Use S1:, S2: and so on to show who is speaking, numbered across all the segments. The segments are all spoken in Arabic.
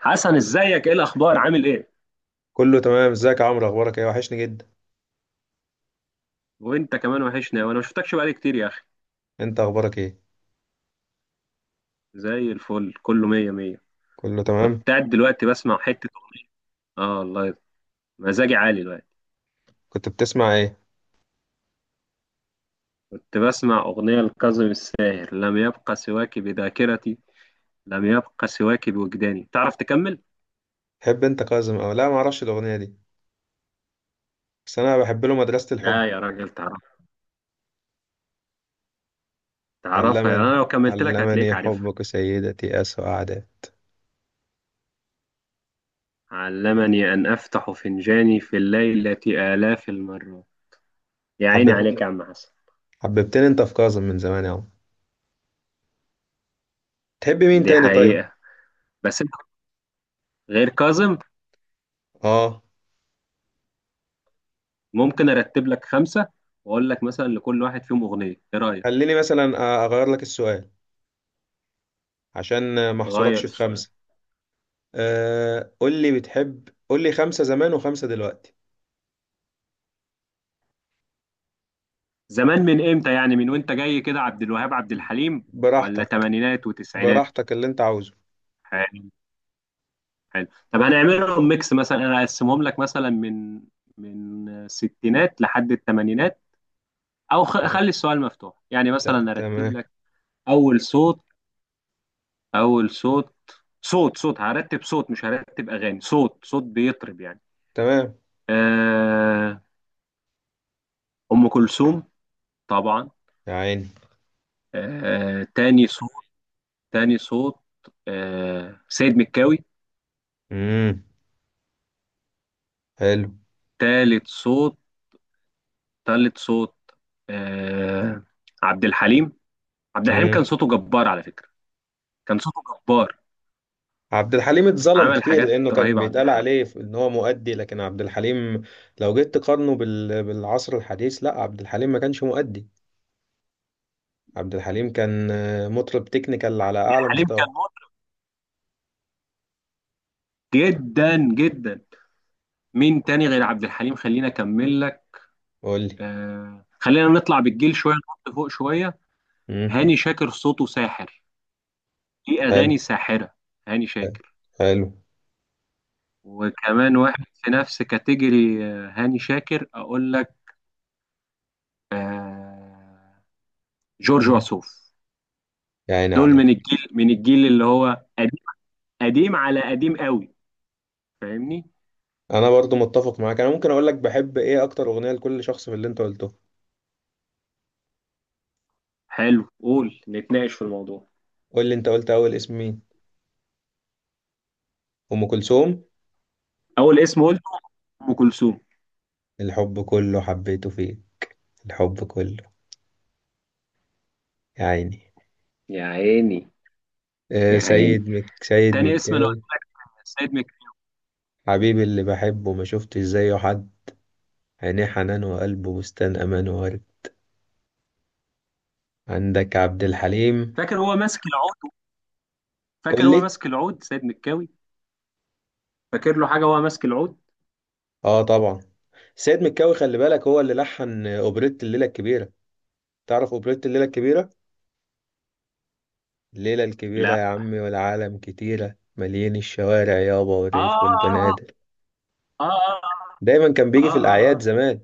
S1: حسن، ازيك؟ ايه الاخبار؟ عامل ايه؟
S2: كله تمام. ازيك يا عمرو؟ اخبارك ايه؟ وحشني جدا.
S1: وانت كمان وحشنا، وانا ما شفتكش بقالي كتير يا اخي.
S2: انت اخبارك ايه؟
S1: زي الفل، كله مية مية.
S2: كله
S1: كنت
S2: تمام.
S1: قاعد دلوقتي بسمع حتة. اه والله. مزاجي عالي دلوقتي.
S2: كنت بتسمع ايه؟
S1: كنت بسمع اغنية لكاظم الساهر، لم يبقى سواك بذاكرتي، لم يبقى سواك بوجداني. تعرف تكمل؟
S2: تحب انت كاظم او لا؟ ما اعرفش الاغنيه دي، بس انا بحب له مدرسه الحب.
S1: لا يا راجل، تعرف. تعرفها يعني،
S2: علمني،
S1: انا لو كملت لك هتلاقيك
S2: علمني
S1: عارفها.
S2: حبك سيدتي اسوء اعداء.
S1: علمني ان افتح فنجاني في الليلة آلاف المرات. يا عيني عليك
S2: حبب
S1: يا عم حسن.
S2: حببتني انت في كاظم من زمان يا عمرو. تحب مين
S1: دي
S2: تاني طيب؟
S1: حقيقة. بس انت، غير كاظم،
S2: اه
S1: ممكن ارتب لك خمسه، واقول لك مثلا لكل واحد فيهم اغنيه. ايه رايك؟
S2: خليني مثلا اغير لك السؤال عشان ما
S1: غير
S2: احصركش في
S1: السؤال.
S2: خمسه. قول لي بتحب، قول لي خمسه زمان وخمسه دلوقتي.
S1: زمان من امتى يعني؟ من وانت جاي كده عبد الوهاب، عبد الحليم، ولا
S2: براحتك،
S1: تمانينات وتسعينات؟
S2: براحتك اللي انت عاوزه.
S1: حلو. حلو. طب هنعملهم ميكس، مثلا انا اقسمهم لك مثلا من الستينات لحد الثمانينات. او
S2: ت-
S1: خلي السؤال مفتوح، يعني مثلا ارتب
S2: تمام.
S1: لك. اول صوت اول صوت، صوت صوت هرتب، صوت مش هرتب اغاني، صوت صوت بيطرب يعني.
S2: تمام.
S1: آه ام كلثوم. طبعا.
S2: يا عيني.
S1: آه تاني صوت تاني صوت، سيد مكاوي.
S2: امم حلو.
S1: تالت صوت تالت صوت، آه عبد الحليم. عبد الحليم كان صوته
S2: امم
S1: جبار على فكرة. كان صوته جبار.
S2: عبد الحليم اتظلم
S1: عمل
S2: كتير
S1: حاجات
S2: لانه كان
S1: رهيبة عبد
S2: بيتقال
S1: الحليم.
S2: عليه ان هو مؤدي، لكن عبد الحليم لو جيت تقارنه بالعصر الحديث، لا عبد الحليم ما كانش مؤدي. عبد الحليم كان مطرب تكنيكال
S1: عبد
S2: على اعلى
S1: الحليم كان
S2: مستوى.
S1: مطرب جدا جدا. مين تاني غير عبد الحليم؟ خلينا أكمل لك.
S2: قول لي.
S1: خلينا نطلع بالجيل شوية، نحط فوق شوية.
S2: امم
S1: هاني شاكر، صوته ساحر، ليه
S2: حلو.
S1: أغاني ساحرة. هاني شاكر.
S2: حلو.
S1: وكمان واحد في نفس كاتيجوري هاني شاكر اقول لك، آه، جورج
S2: مم.
S1: وسوف.
S2: يا عيني
S1: دول
S2: عليك.
S1: من الجيل اللي هو قديم، قديم على قديم قوي. فاهمني؟
S2: انا برضو متفق معاك، انا ممكن اقول لك بحب ايه اكتر اغنيه لكل شخص في اللي انت قلته.
S1: حلو، قول نتناقش في الموضوع.
S2: قول لي، انت قلت اول اسم مين؟ ام كلثوم.
S1: اول اسم قلت ام كلثوم.
S2: الحب كله حبيته فيه. الحب كله. يا عيني.
S1: يا عيني. يا عيني.
S2: سيد
S1: تاني اسم انا
S2: مكاوي.
S1: قلت سيد مك
S2: حبيبي اللي بحبه ما شفتش زيه حد، عينيه حنان وقلبه بستان امان وورد. عندك عبد الحليم.
S1: فاكر هو ماسك العود فاكر
S2: قول
S1: هو
S2: لي.
S1: ماسك العود سيد مكاوي. فاكر له حاجه وهو ماسك العود؟
S2: اه طبعا. سيد مكاوي خلي بالك هو اللي لحن اوبريت الليله الكبيره. تعرف اوبريت الليله الكبيره؟ الليله الكبيره يا
S1: لا.
S2: عمي والعالم كتيره، مليان الشوارع يابا
S1: اه،
S2: والريف
S1: اه.
S2: والبنادق.
S1: اه، اه.
S2: دايما كان
S1: اه،
S2: بيجي في
S1: اه، اه، آه.
S2: الاعياد
S1: آه.
S2: زمان.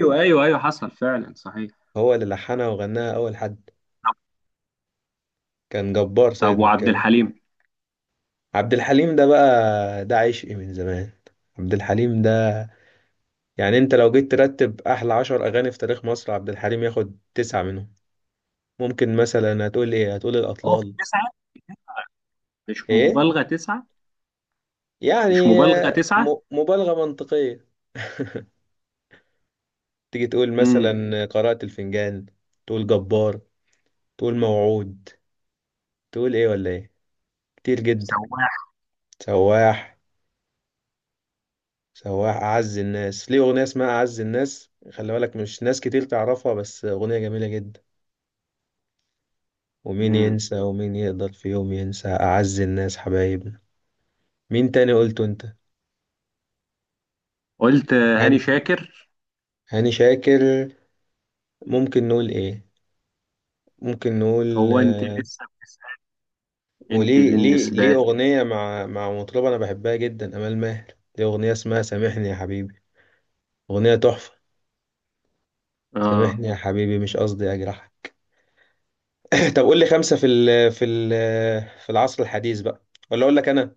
S1: ايوه، ايوه، ايوه، حصل فعلا، صحيح.
S2: هو اللي لحنها وغناها اول حد. كان جبار
S1: طب،
S2: سيد
S1: وعبد
S2: مكاوي.
S1: الحليم؟
S2: عبد الحليم ده بقى ده عشقي من زمان. عبد الحليم ده يعني انت لو جيت ترتب احلى 10 اغاني في تاريخ مصر عبد الحليم ياخد تسعة منهم. ممكن مثلا هتقول ايه؟ هتقول
S1: هو في
S2: الاطلال.
S1: تسعة؟ مش
S2: ايه؟
S1: مبالغة تسعة.
S2: يعني
S1: مش مبالغة تسعة.
S2: مبالغة منطقية. تيجي تقول
S1: امم.
S2: مثلا قراءة الفنجان، تقول جبار، تقول موعود، تقول ايه ولا ايه. كتير جدا.
S1: سواح.
S2: سواح. سواح اعز الناس، ليه اغنية اسمها اعز الناس، خلي بالك مش ناس كتير تعرفها، بس اغنية جميلة جدا. ومين
S1: امم.
S2: ينسى ومين يقدر في يوم ينسى أعز الناس حبايبنا. مين تاني قلته انت؟
S1: قلت هاني
S2: هاني
S1: شاكر.
S2: هاني شاكر. ممكن نقول ايه؟ ممكن نقول
S1: هو انت لسه بتسأل؟ انت
S2: وليه ليه
S1: بالنسبة
S2: ليه
S1: لي،
S2: أغنية مع مطربة أنا بحبها جدا، أمال ماهر. دي أغنية اسمها سامحني يا حبيبي، أغنية تحفة.
S1: اه.
S2: سامحني يا حبيبي مش قصدي أجرحك. طب قول لي خمسة في العصر الحديث بقى، ولا أقول لك أنا؟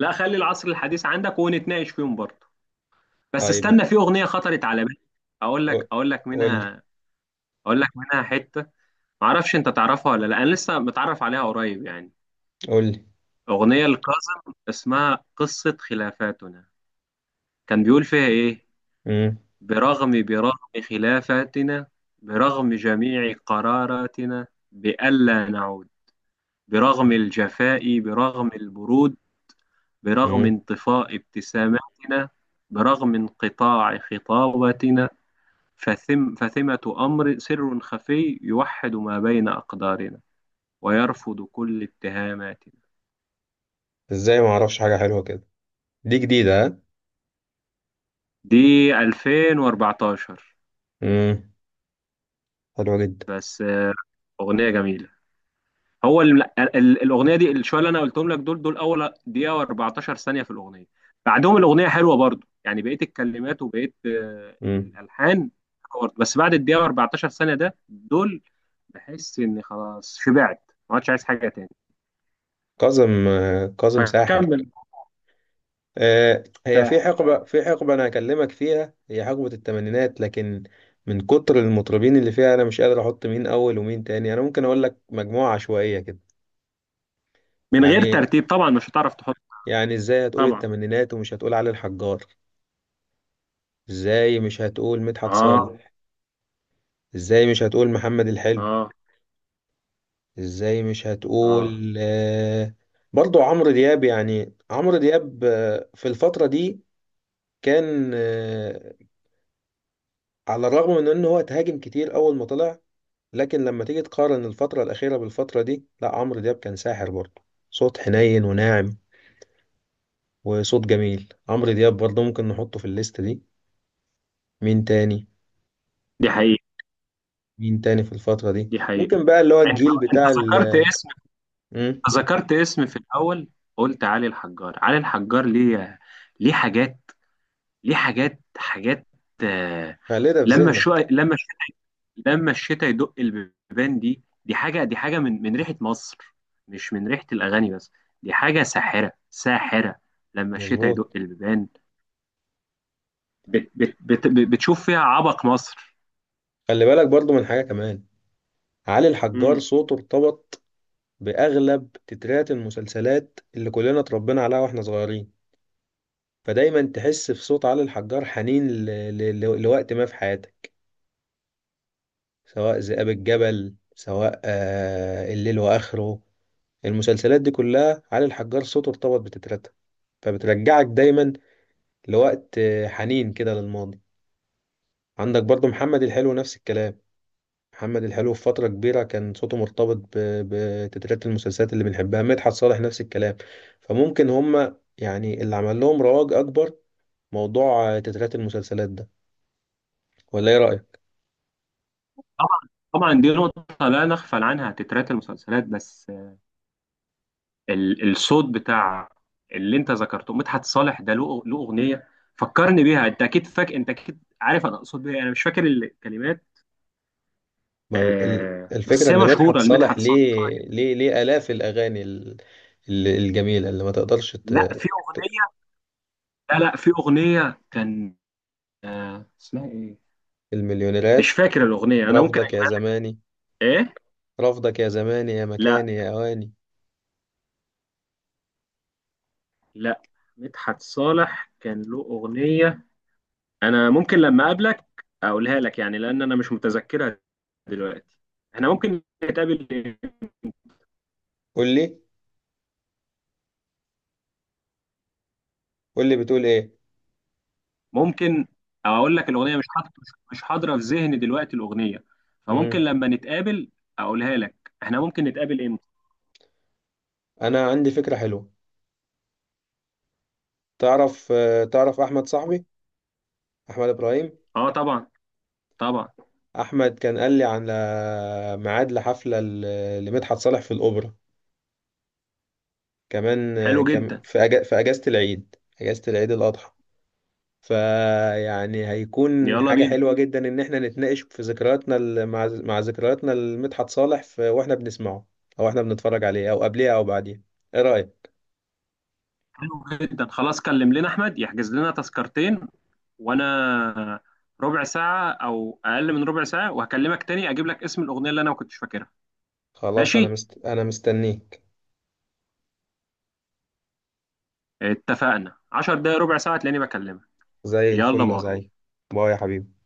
S1: لا، خلي العصر الحديث عندك ونتناقش فيهم برضه. بس استنى،
S2: طيب.
S1: في اغنية خطرت على بالي. اقول لك
S2: قو-
S1: اقول لك
S2: قول لي،
S1: منها، اقول لك منها حتة. معرفش انت تعرفها ولا لا، انا لسه متعرف عليها قريب يعني.
S2: قول لي.
S1: اغنية لكاظم اسمها قصة خلافاتنا. كان بيقول فيها ايه؟
S2: مم.
S1: برغم برغم خلافتنا، برغم جميع قراراتنا بألا نعود، برغم الجفاء، برغم البرود، برغم
S2: مم.
S1: انطفاء ابتساماتنا، برغم انقطاع خطاباتنا، فثم، فثمة أمر سر خفي يوحد ما بين أقدارنا، ويرفض كل اتهاماتنا.
S2: إزاي ما أعرفش حاجة حلوة كده؟ دي جديدة ها.
S1: دي 2014.
S2: امم حلوة جدا.
S1: بس، أغنية جميلة. هو ال... الاغنيه دي، الشويه اللي انا قلتهم لك دول اول دقيقه و14 ثانيه في الاغنيه. بعدهم الاغنيه حلوه برضو، يعني بقيه الكلمات وبقيه
S2: امم
S1: الالحان حلوة برضو. بس بعد الدقيقه و14 ثانيه ده، دول بحس اني خلاص شبعت، ما عادش عايز حاجه تاني.
S2: كاظم. كاظم ساحر.
S1: فكمل.
S2: هي في
S1: ساحر فعلا.
S2: حقبة أنا هكلمك فيها، هي حقبة الثمانينات. لكن من كتر المطربين اللي فيها أنا مش قادر أحط مين أول ومين تاني. أنا ممكن أقول لك مجموعة عشوائية كده.
S1: من غير
S2: يعني،
S1: ترتيب طبعا، مش هتعرف تحط.
S2: يعني إزاي هتقول
S1: طبعا.
S2: الثمانينات ومش هتقول علي الحجار؟ إزاي مش هتقول مدحت
S1: اه.
S2: صالح؟ إزاي مش هتقول محمد الحلو؟
S1: اه.
S2: إزاي مش
S1: اه.
S2: هتقول برضو عمرو دياب؟ يعني عمرو دياب في الفترة دي كان، على الرغم من ان هو اتهاجم كتير اول ما طلع، لكن لما تيجي تقارن الفترة الأخيرة بالفترة دي، لا عمرو دياب كان ساحر برضه. صوت حنين وناعم وصوت جميل. عمرو دياب برضه ممكن نحطه في الليستة دي. مين تاني؟
S1: دي حقيقه.
S2: مين تاني في الفترة دي؟
S1: دي حقيقه.
S2: ممكن بقى اللي هو
S1: انت
S2: الجيل
S1: انت
S2: بتاع ال
S1: ذكرت اسم،
S2: مم،
S1: ذكرت اسم في الاول. قلت علي الحجار، علي الحجار ليه؟ ليه حاجات، ليه حاجات، حاجات. آه،
S2: خلينا في
S1: لما الشو
S2: ذهنك.
S1: لما الش- لما الشتاء يدق البيبان، دي حاجه، دي حاجه من ريحه مصر، مش من ريحه الاغاني بس. دي حاجه ساحره ساحره. لما الشتاء
S2: مظبوط.
S1: يدق البيبان. بت بت بت بتشوف فيها عبق مصر.
S2: خلي بالك برضه من حاجة كمان. علي الحجار
S1: امم.
S2: صوته ارتبط بأغلب تترات المسلسلات اللي كلنا اتربينا عليها واحنا صغيرين، فدايما تحس في صوت علي الحجار حنين لوقت ما في حياتك. سواء ذئاب الجبل، سواء آه الليل واخره، المسلسلات دي كلها علي الحجار صوته ارتبط بتترتها. فبترجعك دايما لوقت حنين كده للماضي. عندك برضو محمد الحلو نفس الكلام. محمد الحلو في فترة كبيرة كان صوته مرتبط بتترات المسلسلات اللي بنحبها. مدحت صالح نفس الكلام. فممكن هما يعني اللي عمل لهم رواج أكبر موضوع تترات المسلسلات ده. ولا إيه رأيك؟
S1: طبعا. طبعا دي نقطه لا نغفل عنها، تترات المسلسلات. بس الصوت بتاع اللي انت ذكرته مدحت صالح، ده له اغنيه فكرني بيها، انت اكيد عارف انا اقصد بيها، انا مش فاكر الكلمات.
S2: ما الفكرة
S1: بس هي
S2: إن
S1: مشهوره
S2: مدحت صالح
S1: لمدحت صالح، مشهوره
S2: ليه
S1: جدا.
S2: ليه ليه آلاف الأغاني ال- الجميلة اللي ما تقدرش
S1: لا، في اغنيه. لا في اغنيه كان، اسمها ايه؟ مش
S2: المليونيرات.
S1: فاكر الاغنيه، انا ممكن
S2: رفضك يا
S1: اجيبها لك.
S2: زماني،
S1: ايه؟
S2: رفضك يا زماني يا
S1: لا.
S2: مكاني يا أواني.
S1: لا. مدحت صالح كان له اغنيه، انا ممكن لما اقابلك اقولها لك، يعني لان انا مش متذكرها دلوقتي. احنا ممكن نتقابل؟
S2: قول لي، قول لي بتقول إيه.
S1: ممكن. او اقول لك، الاغنيه مش حاضره، مش حاضره في ذهني دلوقتي الاغنيه. فممكن
S2: مم.
S1: لما نتقابل اقولها لك. احنا ممكن نتقابل امتى؟
S2: أنا عندي فكرة حلوة. تعرف آه، تعرف أحمد صاحبي، أحمد إبراهيم.
S1: اه طبعا. طبعا.
S2: أحمد كان قال لي على ميعاد لحفلة لمدحت صالح في الأوبرا. كمان آه،
S1: حلو جدا.
S2: في في أجازة العيد، أجازة العيد الأضحى. فيعني هيكون
S1: يلا
S2: حاجة
S1: بينا.
S2: حلوة جدا إن إحنا نتناقش في ذكرياتنا مع ذكرياتنا لمدحت صالح، في وإحنا بنسمعه، أو إحنا بنتفرج عليه، أو قبليه أو بعديه. إيه رأيك؟
S1: حلو جدا، خلاص كلم لنا احمد يحجز لنا تذكرتين. وانا ربع ساعه او اقل من ربع ساعه وهكلمك تاني، اجيب لك اسم الاغنيه اللي انا ما كنتش فاكرها.
S2: خلاص، أنا
S1: ماشي.
S2: أنا مستنيك.
S1: اتفقنا، 10 دقايق ربع ساعه تلاقيني بكلمك.
S2: زي
S1: يلا
S2: الفل يا
S1: باي.
S2: زعيم. باي يا حبيبي.